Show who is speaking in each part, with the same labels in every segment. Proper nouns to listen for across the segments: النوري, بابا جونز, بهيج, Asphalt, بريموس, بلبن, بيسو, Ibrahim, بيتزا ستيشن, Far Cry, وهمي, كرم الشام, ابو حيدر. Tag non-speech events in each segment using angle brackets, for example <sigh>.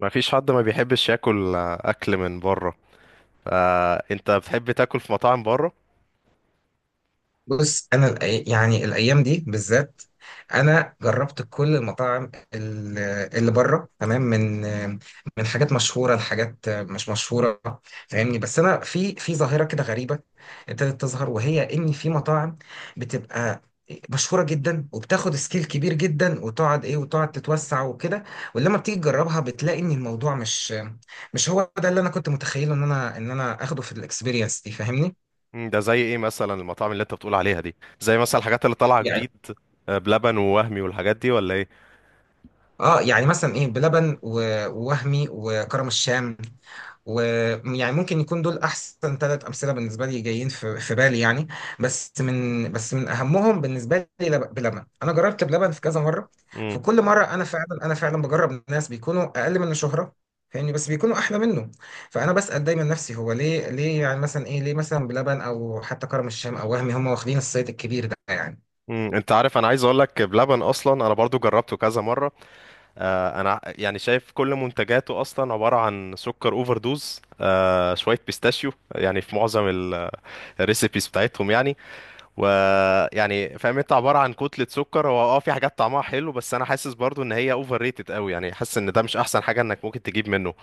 Speaker 1: ما فيش حد ما بيحبش ياكل اكل من بره. فانت بتحب تاكل في مطاعم بره؟
Speaker 2: بص انا يعني الايام دي بالذات. انا جربت كل المطاعم اللي بره، تمام، من حاجات مشهوره لحاجات مش مشهوره، فاهمني. بس انا في ظاهره كده غريبه ابتدت تظهر، وهي ان في مطاعم بتبقى مشهوره جدا وبتاخد سكيل كبير جدا، وتقعد ايه وتقعد تتوسع وكده، ولما بتيجي تجربها بتلاقي ان الموضوع مش هو ده اللي انا كنت متخيله ان انا اخده في الاكسبيرينس دي، فاهمني.
Speaker 1: ده زي ايه مثلا المطاعم اللي انت بتقول عليها دي، زي مثلا الحاجات اللي طالعه جديد؟ بلبن ووهمي والحاجات دي ولا ايه؟
Speaker 2: اه، يعني مثلا ايه بلبن ووهمي وكرم الشام، ويعني ممكن يكون دول احسن ثلاث امثله بالنسبه لي جايين في بالي يعني. بس من اهمهم بالنسبه لي بلبن، انا جربت بلبن في كذا مره.
Speaker 1: مم.
Speaker 2: في كل مره انا فعلا بجرب ناس بيكونوا اقل منه شهره، فاهمني، بس بيكونوا احلى منه. فانا بسال دايما نفسي، هو ليه يعني مثلا ايه، ليه مثلا بلبن او حتى كرم الشام او وهمي هم واخدين الصيت الكبير ده يعني.
Speaker 1: مم. انت عارف، انا عايز اقول لك بلبن اصلا انا برضو جربته كذا مره. يعني شايف كل منتجاته اصلا عباره عن سكر اوفر دوز، شويه بيستاشيو، يعني في معظم الريسيبيز بتاعتهم يعني. ويعني فاهم انت عباره عن كتله سكر، هو في حاجات طعمها حلو بس انا حاسس برضو ان هي اوفر ريتد قوي، يعني حاسس ان ده مش احسن حاجه انك ممكن تجيب منه.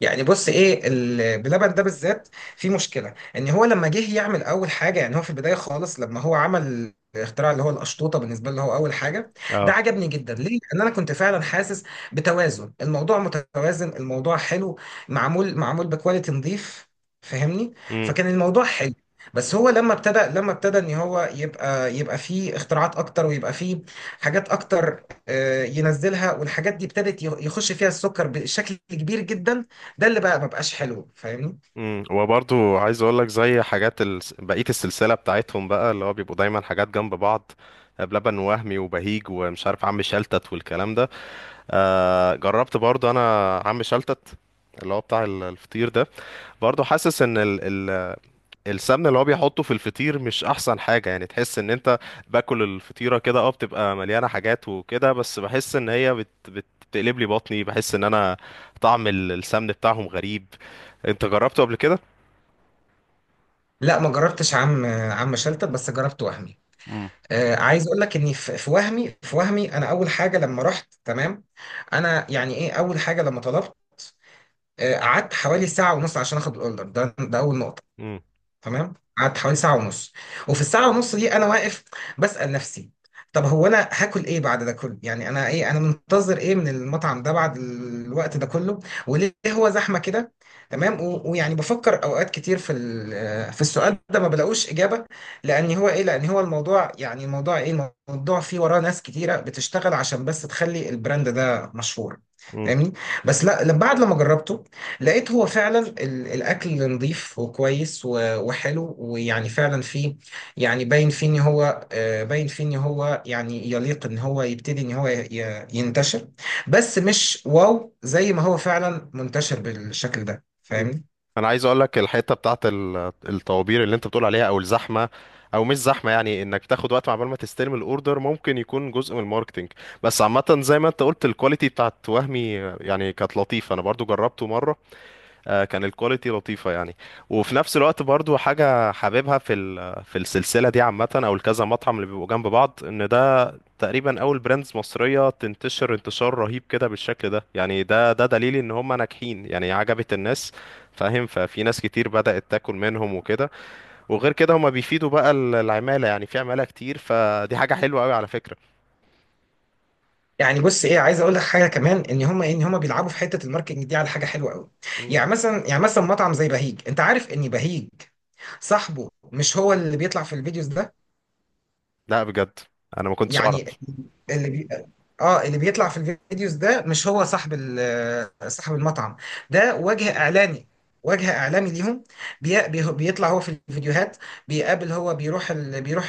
Speaker 2: يعني بص ايه، بلبن ده بالذات في مشكله، ان هو لما جه يعمل اول حاجه، يعني هو في البدايه خالص لما هو عمل الاختراع اللي هو القشطوطه، بالنسبه له هو اول حاجه. ده
Speaker 1: اه.
Speaker 2: عجبني جدا. ليه؟ لان انا كنت فعلا حاسس بتوازن الموضوع، متوازن، الموضوع حلو، معمول بكواليتي نظيف، فاهمني؟
Speaker 1: امم
Speaker 2: فكان الموضوع حلو. بس هو لما ابتدى ان هو يبقى فيه اختراعات اكتر ويبقى فيه حاجات اكتر، ينزلها، والحاجات دي ابتدت يخش فيها السكر بشكل كبير جدا. ده اللي بقى مبقاش حلو، فاهمني.
Speaker 1: وبرضو عايز اقول لك زي حاجات بقيه السلسله بتاعتهم بقى اللي هو بيبقوا دايما حاجات جنب بعض، بلبن وهمي وبهيج ومش عارف عم شلتت والكلام ده. جربت برضو انا عم شلتت، اللي هو بتاع الفطير ده. برضو حاسس ان السمنه اللي هو بيحطه في الفطير مش احسن حاجه، يعني تحس ان انت باكل الفطيره كده، اه بتبقى مليانه حاجات وكده، بس بحس ان هي بت بت بتقلب لي بطني، بحس ان انا طعم السمن بتاعهم غريب. انت جربته قبل كده؟
Speaker 2: لا، ما جربتش عم شلتت، بس جربت وهمي.
Speaker 1: مم.
Speaker 2: عايز اقول لك اني في وهمي انا اول حاجه لما رحت، تمام، انا يعني ايه، اول حاجه لما طلبت، قعدت حوالي ساعة ونص عشان اخد الاوردر ده اول نقطة.
Speaker 1: امم.
Speaker 2: تمام، قعدت حوالي ساعة ونص، وفي الساعة ونص دي أنا واقف بسأل نفسي، طب هو أنا هاكل إيه بعد ده كله؟ يعني أنا إيه، أنا منتظر إيه من المطعم ده بعد الوقت ده كله؟ وليه هو زحمة كده؟ تمام، ويعني بفكر أوقات كتير في في السؤال ده، ما بلاقوش إجابة. لأن هو إيه؟ لأن هو الموضوع، يعني الموضوع إيه؟ الموضوع فيه وراه ناس كتيرة بتشتغل عشان بس تخلي البراند ده مشهور،
Speaker 1: امم
Speaker 2: فاهمني؟ بس لا، بعد لما جربته لقيت هو فعلا الاكل نظيف وكويس وحلو، ويعني فعلا فيه، يعني باين فيه ان هو، باين فيه ان هو يعني يليق ان هو يبتدي ان هو ينتشر، بس مش واو زي ما هو فعلا منتشر بالشكل ده، فاهمني.
Speaker 1: انا عايز اقول لك الحته بتاعت الطوابير اللي انت بتقول عليها، او الزحمه، او مش زحمه، يعني انك تاخد وقت عقبال ما تستلم الاوردر، ممكن يكون جزء من الماركتينج. بس عامه زي ما انت قلت، الكواليتي بتاعت وهمي يعني كانت لطيفه، انا برضو جربته مره. كان الكواليتي لطيفة يعني. وفي نفس الوقت برضو حاجة حاببها في في السلسلة دي عامة، أو الكذا مطعم اللي بيبقوا جنب بعض، إن ده تقريبا أول براندز مصرية تنتشر انتشار رهيب كده بالشكل ده. يعني ده دليل إن هم ناجحين، يعني عجبت الناس، فاهم. ففي ناس كتير بدأت تاكل منهم وكده. وغير كده هم بيفيدوا بقى العمالة، يعني في عمالة كتير، فدي حاجة حلوة أوي على فكرة.
Speaker 2: يعني بص ايه، عايز اقول لك حاجه كمان، ان هم بيلعبوا في حته الماركتنج دي على حاجه حلوه قوي.
Speaker 1: مم.
Speaker 2: يعني مثلا مطعم زي بهيج، انت عارف ان بهيج صاحبه مش هو اللي بيطلع في الفيديوز ده.
Speaker 1: لا بجد؟ أنا ما كنتش أعرف.
Speaker 2: يعني اللي اه، اللي بيطلع في الفيديوز ده مش هو صاحب صاحب المطعم. ده وجه اعلاني، وجه اعلامي ليهم. بيطلع هو في الفيديوهات، بيقابل، هو بيروح بيروح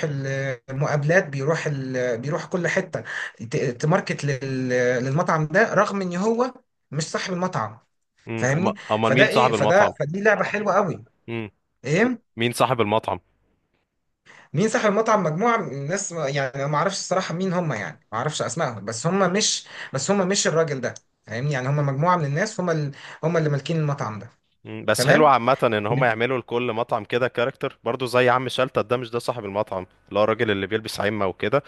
Speaker 2: المقابلات، بيروح بيروح كل حتة، تماركت للمطعم ده، رغم ان هو مش صاحب المطعم،
Speaker 1: مم.
Speaker 2: فاهمني.
Speaker 1: أمال
Speaker 2: فده
Speaker 1: مين
Speaker 2: ايه
Speaker 1: صاحب
Speaker 2: فده
Speaker 1: المطعم؟
Speaker 2: فدي لعبة حلوة قوي.
Speaker 1: مم.
Speaker 2: ايه،
Speaker 1: مين صاحب المطعم؟
Speaker 2: مين صاحب المطعم؟ مجموعة من الناس، يعني أنا ما اعرفش الصراحة مين هم، يعني ما اعرفش اسمائهم، بس هم مش الراجل ده، فاهمني. يعني هم مجموعة من الناس، هم هم اللي مالكين المطعم ده،
Speaker 1: مم. بس حلو
Speaker 2: تمام،
Speaker 1: عامة ان هم يعملوا لكل مطعم كده كاركتر، برضو زي عم شلتت، ده مش صاحب المطعم اللي هو الراجل اللي بيلبس عمة وكده.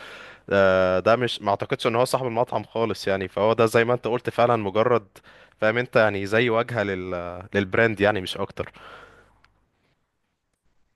Speaker 1: ده مش، ما اعتقدش ان هو صاحب المطعم خالص يعني. فهو ده زي ما انت قلت فعلا، مجرد فاهم انت يعني زي واجهة للبراند يعني، مش اكتر.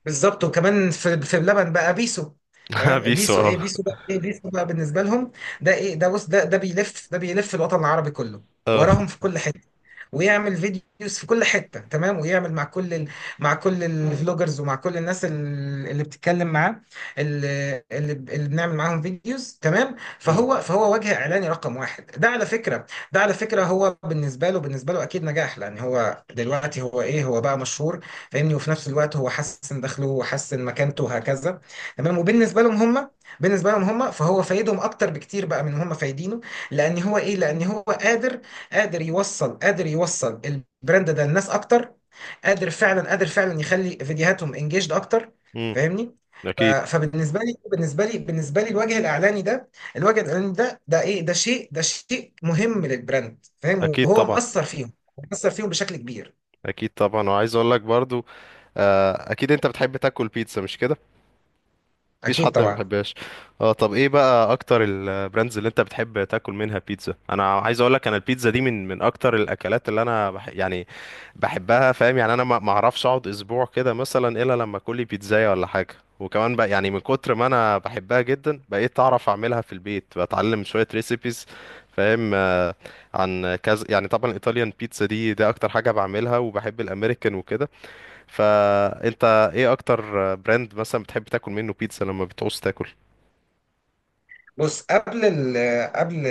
Speaker 2: بالظبط. وكمان في اللبن بقى بيسو،
Speaker 1: <laughs>
Speaker 2: تمام.
Speaker 1: بيسو
Speaker 2: بيسو ايه،
Speaker 1: اه.
Speaker 2: بيسو ده ايه، بيسو بقى بالنسبه لهم ده ايه، ده بص، ده بيلف، ده بيلف الوطن العربي كله،
Speaker 1: اه.
Speaker 2: وراهم في كل حته، ويعمل فيديوز في كل حته، تمام، ويعمل مع كل مع كل الفلوجرز، ومع كل الناس اللي بتتكلم معاه، اللي بنعمل معاهم فيديوز، تمام.
Speaker 1: امم.
Speaker 2: فهو وجه اعلاني رقم واحد ده، على فكره. ده على فكره، هو بالنسبه له اكيد نجاح، لان هو دلوقتي هو ايه، هو بقى مشهور، فاهمني. وفي نفس الوقت هو حسن دخله وحسن مكانته وهكذا، تمام. وبالنسبه لهم هم فهو فايدهم اكتر بكتير بقى من هم فايدينه، لان هو ايه، لان هو قادر يوصل البراند ده للناس اكتر، قادر فعلا يخلي فيديوهاتهم انجيجد اكتر،
Speaker 1: امم.
Speaker 2: فاهمني.
Speaker 1: اكيد.
Speaker 2: فبالنسبه لي الوجه الاعلاني ده، الوجه الاعلاني ده، ده ايه ده شيء ده شيء مهم للبراند، فاهم.
Speaker 1: اكيد
Speaker 2: وهو
Speaker 1: طبعا.
Speaker 2: مأثر فيهم بشكل كبير.
Speaker 1: اكيد طبعا وعايز اقول لك برضو، اكيد انت بتحب تاكل بيتزا، مش كده؟ مفيش
Speaker 2: اكيد
Speaker 1: حد ما
Speaker 2: طبعا.
Speaker 1: بيحبهاش. اه، طب ايه بقى اكتر البراندز اللي انت بتحب تاكل منها بيتزا؟ انا عايز اقول لك انا البيتزا دي من اكتر الاكلات اللي انا يعني بحبها، فاهم يعني. انا ما اعرفش اقعد اسبوع كده مثلا الا لما اكل لي بيتزايه ولا حاجه. وكمان بقى يعني من كتر ما انا بحبها جدا، بقيت اعرف اعملها في البيت، بتعلم شويه ريسيبيز، فاهم. عن كذا يعني. طبعا الايطاليان بيتزا دي ده اكتر حاجه بعملها، وبحب الامريكان وكده. فانت ايه اكتر براند مثلا بتحب تاكل منه بيتزا لما بتعوز تاكل؟
Speaker 2: بص قبل ال قبل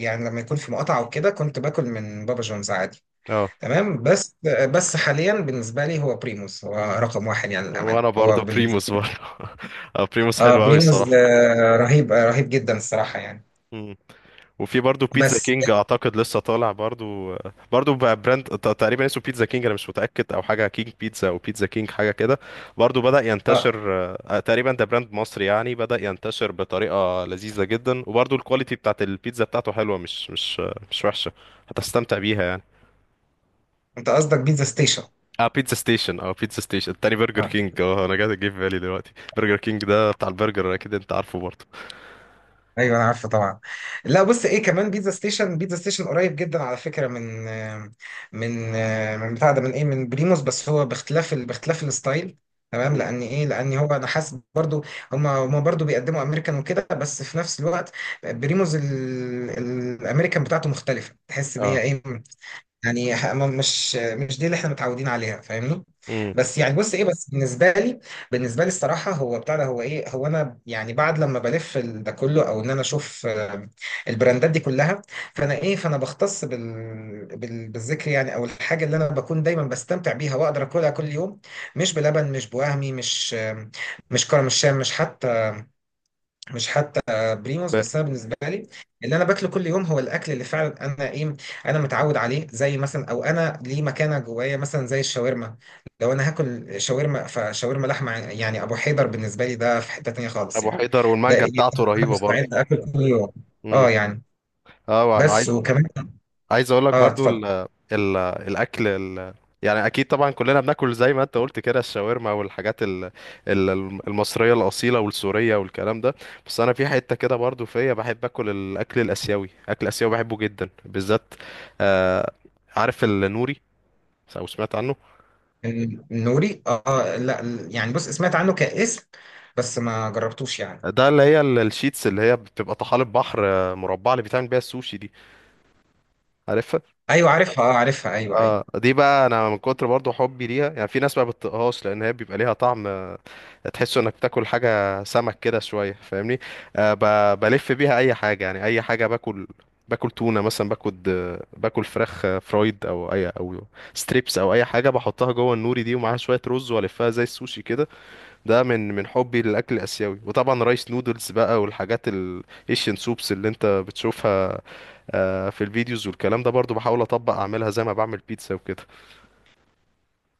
Speaker 2: يعني لما يكون في مقاطعة وكده كنت باكل من بابا جونز عادي،
Speaker 1: اه،
Speaker 2: تمام. بس حاليا بالنسبة لي هو بريموس، هو رقم واحد، يعني للأمانة،
Speaker 1: وانا
Speaker 2: هو
Speaker 1: برضه
Speaker 2: بالنسبة.
Speaker 1: بريموس برضه. <laughs> بريموس حلو قوي
Speaker 2: بريموس،
Speaker 1: الصراحه.
Speaker 2: رهيب، رهيب جدا الصراحة يعني.
Speaker 1: مم. وفي برضه بيتزا
Speaker 2: بس
Speaker 1: كينج اعتقد لسه طالع برضه. برضه بقى براند تقريبا اسمه بيتزا كينج، انا مش متاكد، او حاجه كينج بيتزا او بيتزا كينج حاجه كده. برضه بدا ينتشر.
Speaker 2: اه
Speaker 1: تقريبا ده براند مصري يعني، بدا ينتشر بطريقه لذيذه جدا، وبرضه الكواليتي بتاعت البيتزا بتاعته حلوه، مش وحشه. هتستمتع بيها يعني.
Speaker 2: انت قصدك بيتزا ستيشن؟
Speaker 1: اه، بيتزا ستيشن، اه بيتزا ستيشن التاني، برجر
Speaker 2: آه.
Speaker 1: كينج. اه، انا جه في بالي دلوقتي برجر كينج، ده بتاع البرجر، اكيد انت عارفه برضه.
Speaker 2: ايوه، انا عارفه طبعا. لا، بص ايه، كمان بيتزا ستيشن قريب جدا على فكره من، من من بتاع ده، من ايه، من بريموس، بس هو باختلاف الستايل، تمام.
Speaker 1: مم.
Speaker 2: لان ايه، لان هو انا حاسس برضو هم برضو بيقدموا امريكان وكده، بس في نفس الوقت بريموس الامريكان بتاعته مختلفه، تحس ان هي
Speaker 1: اه.
Speaker 2: ايه، يعني مش دي اللي احنا متعودين عليها، فاهمني.
Speaker 1: امم.
Speaker 2: بس يعني بص ايه، بس بالنسبه لي الصراحه، هو بتاع ده، هو ايه، هو انا، يعني بعد لما بلف ده كله، او ان انا اشوف البراندات دي كلها، فانا ايه، فانا بختص بالذكر، يعني، او الحاجه اللي انا بكون دايما بستمتع بيها واقدر اكلها كل يوم. مش بلبن، مش بوهمي، مش مش كرم الشام، مش حتى بريموس.
Speaker 1: ب-
Speaker 2: بس انا بالنسبه لي اللي انا باكله كل يوم هو الاكل اللي فعلا انا ايه، انا متعود عليه، زي مثلا، او انا ليه مكانه جوايا، مثلا زي الشاورما. لو انا هاكل شاورما، فشاورما لحمه يعني ابو حيدر بالنسبه لي، ده في حته تانيه خالص
Speaker 1: ابو
Speaker 2: يعني.
Speaker 1: حيدر
Speaker 2: ده
Speaker 1: والمانجا
Speaker 2: ايه،
Speaker 1: بتاعته
Speaker 2: ده انا
Speaker 1: رهيبه برضه.
Speaker 2: مستعد اكل كل يوم.
Speaker 1: امم.
Speaker 2: اه يعني،
Speaker 1: اه وعايز
Speaker 2: بس
Speaker 1: عايز
Speaker 2: وكمان.
Speaker 1: عايز اقول لك
Speaker 2: اه،
Speaker 1: برضه
Speaker 2: اتفضل.
Speaker 1: ال ال الاكل يعني اكيد طبعا كلنا بناكل زي ما انت قلت كده الشاورما والحاجات ال ال المصريه الاصيله والسوريه والكلام ده. بس انا في حته كده برضه فيا بحب اكل الاكل الاسيوي، اكل اسيوي بحبه جدا بالذات. آه عارف النوري، او سمعت عنه؟
Speaker 2: النوري، اه لا، يعني بص، سمعت عنه كاسم بس ما جربتوش يعني.
Speaker 1: ده اللي هي الشيتس اللي هي بتبقى طحالب بحر، مربعه، اللي بيتعمل بيها السوشي دي، عارفها؟
Speaker 2: ايوه، عارفها، اه عارفها، ايوه، ايوه.
Speaker 1: اه، دي بقى انا من كتر برضو حبي ليها، يعني في ناس ما بتطقهاش، لان هي بيبقى ليها طعم، تحس انك بتاكل حاجه سمك كده شويه فاهمني. بلف بيها اي حاجه، يعني اي حاجه باكل، باكل تونه مثلا، باكل فراخ، فرايد، او اي او ستريبس، او اي حاجه بحطها جوه النوري دي، ومعاها شويه رز، والفها زي السوشي كده. ده من حبي للاكل الاسيوي. وطبعا رايس نودلز بقى، والحاجات الايشن سوبس اللي انت بتشوفها في الفيديوز والكلام ده، برضو بحاول اطبق اعملها زي ما بعمل بيتزا وكده.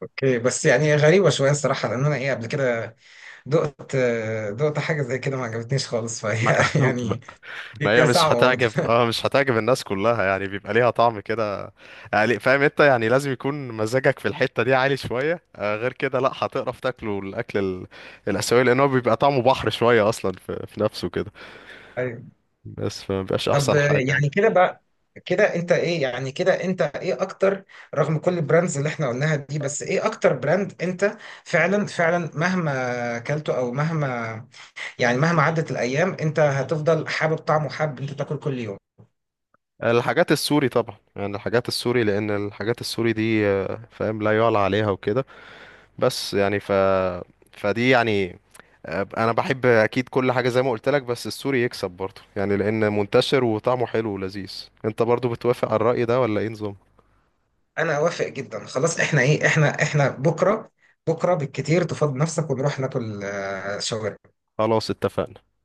Speaker 2: اوكي، بس يعني غريبه شويه الصراحه، لان انا ايه، قبل كده دقت دقت حاجة زي كده ما عجبتنيش خالص، فهي
Speaker 1: ما
Speaker 2: <laughs>
Speaker 1: <laughs>
Speaker 2: يعني،
Speaker 1: ما هي
Speaker 2: هي
Speaker 1: مش
Speaker 2: صعبة برضه.
Speaker 1: هتعجب. اه مش هتعجب الناس كلها يعني، بيبقى ليها طعم كده يعني، فاهم انت يعني. لازم يكون مزاجك في الحتة دي عالي شوية، غير كده لا هتقرف تاكله، الاكل الاسيوي، لان هو بيبقى طعمه بحر شوية اصلا في نفسه كده.
Speaker 2: أيوة.
Speaker 1: بس فمبيبقاش
Speaker 2: طب
Speaker 1: احسن حاجة يعني.
Speaker 2: يعني كده بقى، كده انت ايه اكتر، رغم كل البراندز اللي احنا قلناها دي، بس ايه اكتر براند انت فعلا مهما اكلته، او مهما، يعني مهما عدت الايام انت هتفضل حابب طعمه، حابب انت تاكل كل يوم.
Speaker 1: الحاجات السوري طبعا، يعني الحاجات السوري، لان الحاجات السوري دي، فاهم لا يعلى عليها وكده، بس يعني فدي يعني. انا بحب اكيد كل حاجه زي ما قلت لك، بس السوري يكسب برضه يعني، لان منتشر وطعمه حلو ولذيذ. انت برضه بتوافق على الرأي ده ولا ايه نظام؟
Speaker 2: انا اوافق جدا، خلاص. احنا ايه، احنا بكرة بالكتير تفضي نفسك ونروح ناكل شاورما.
Speaker 1: خلاص اتفقنا.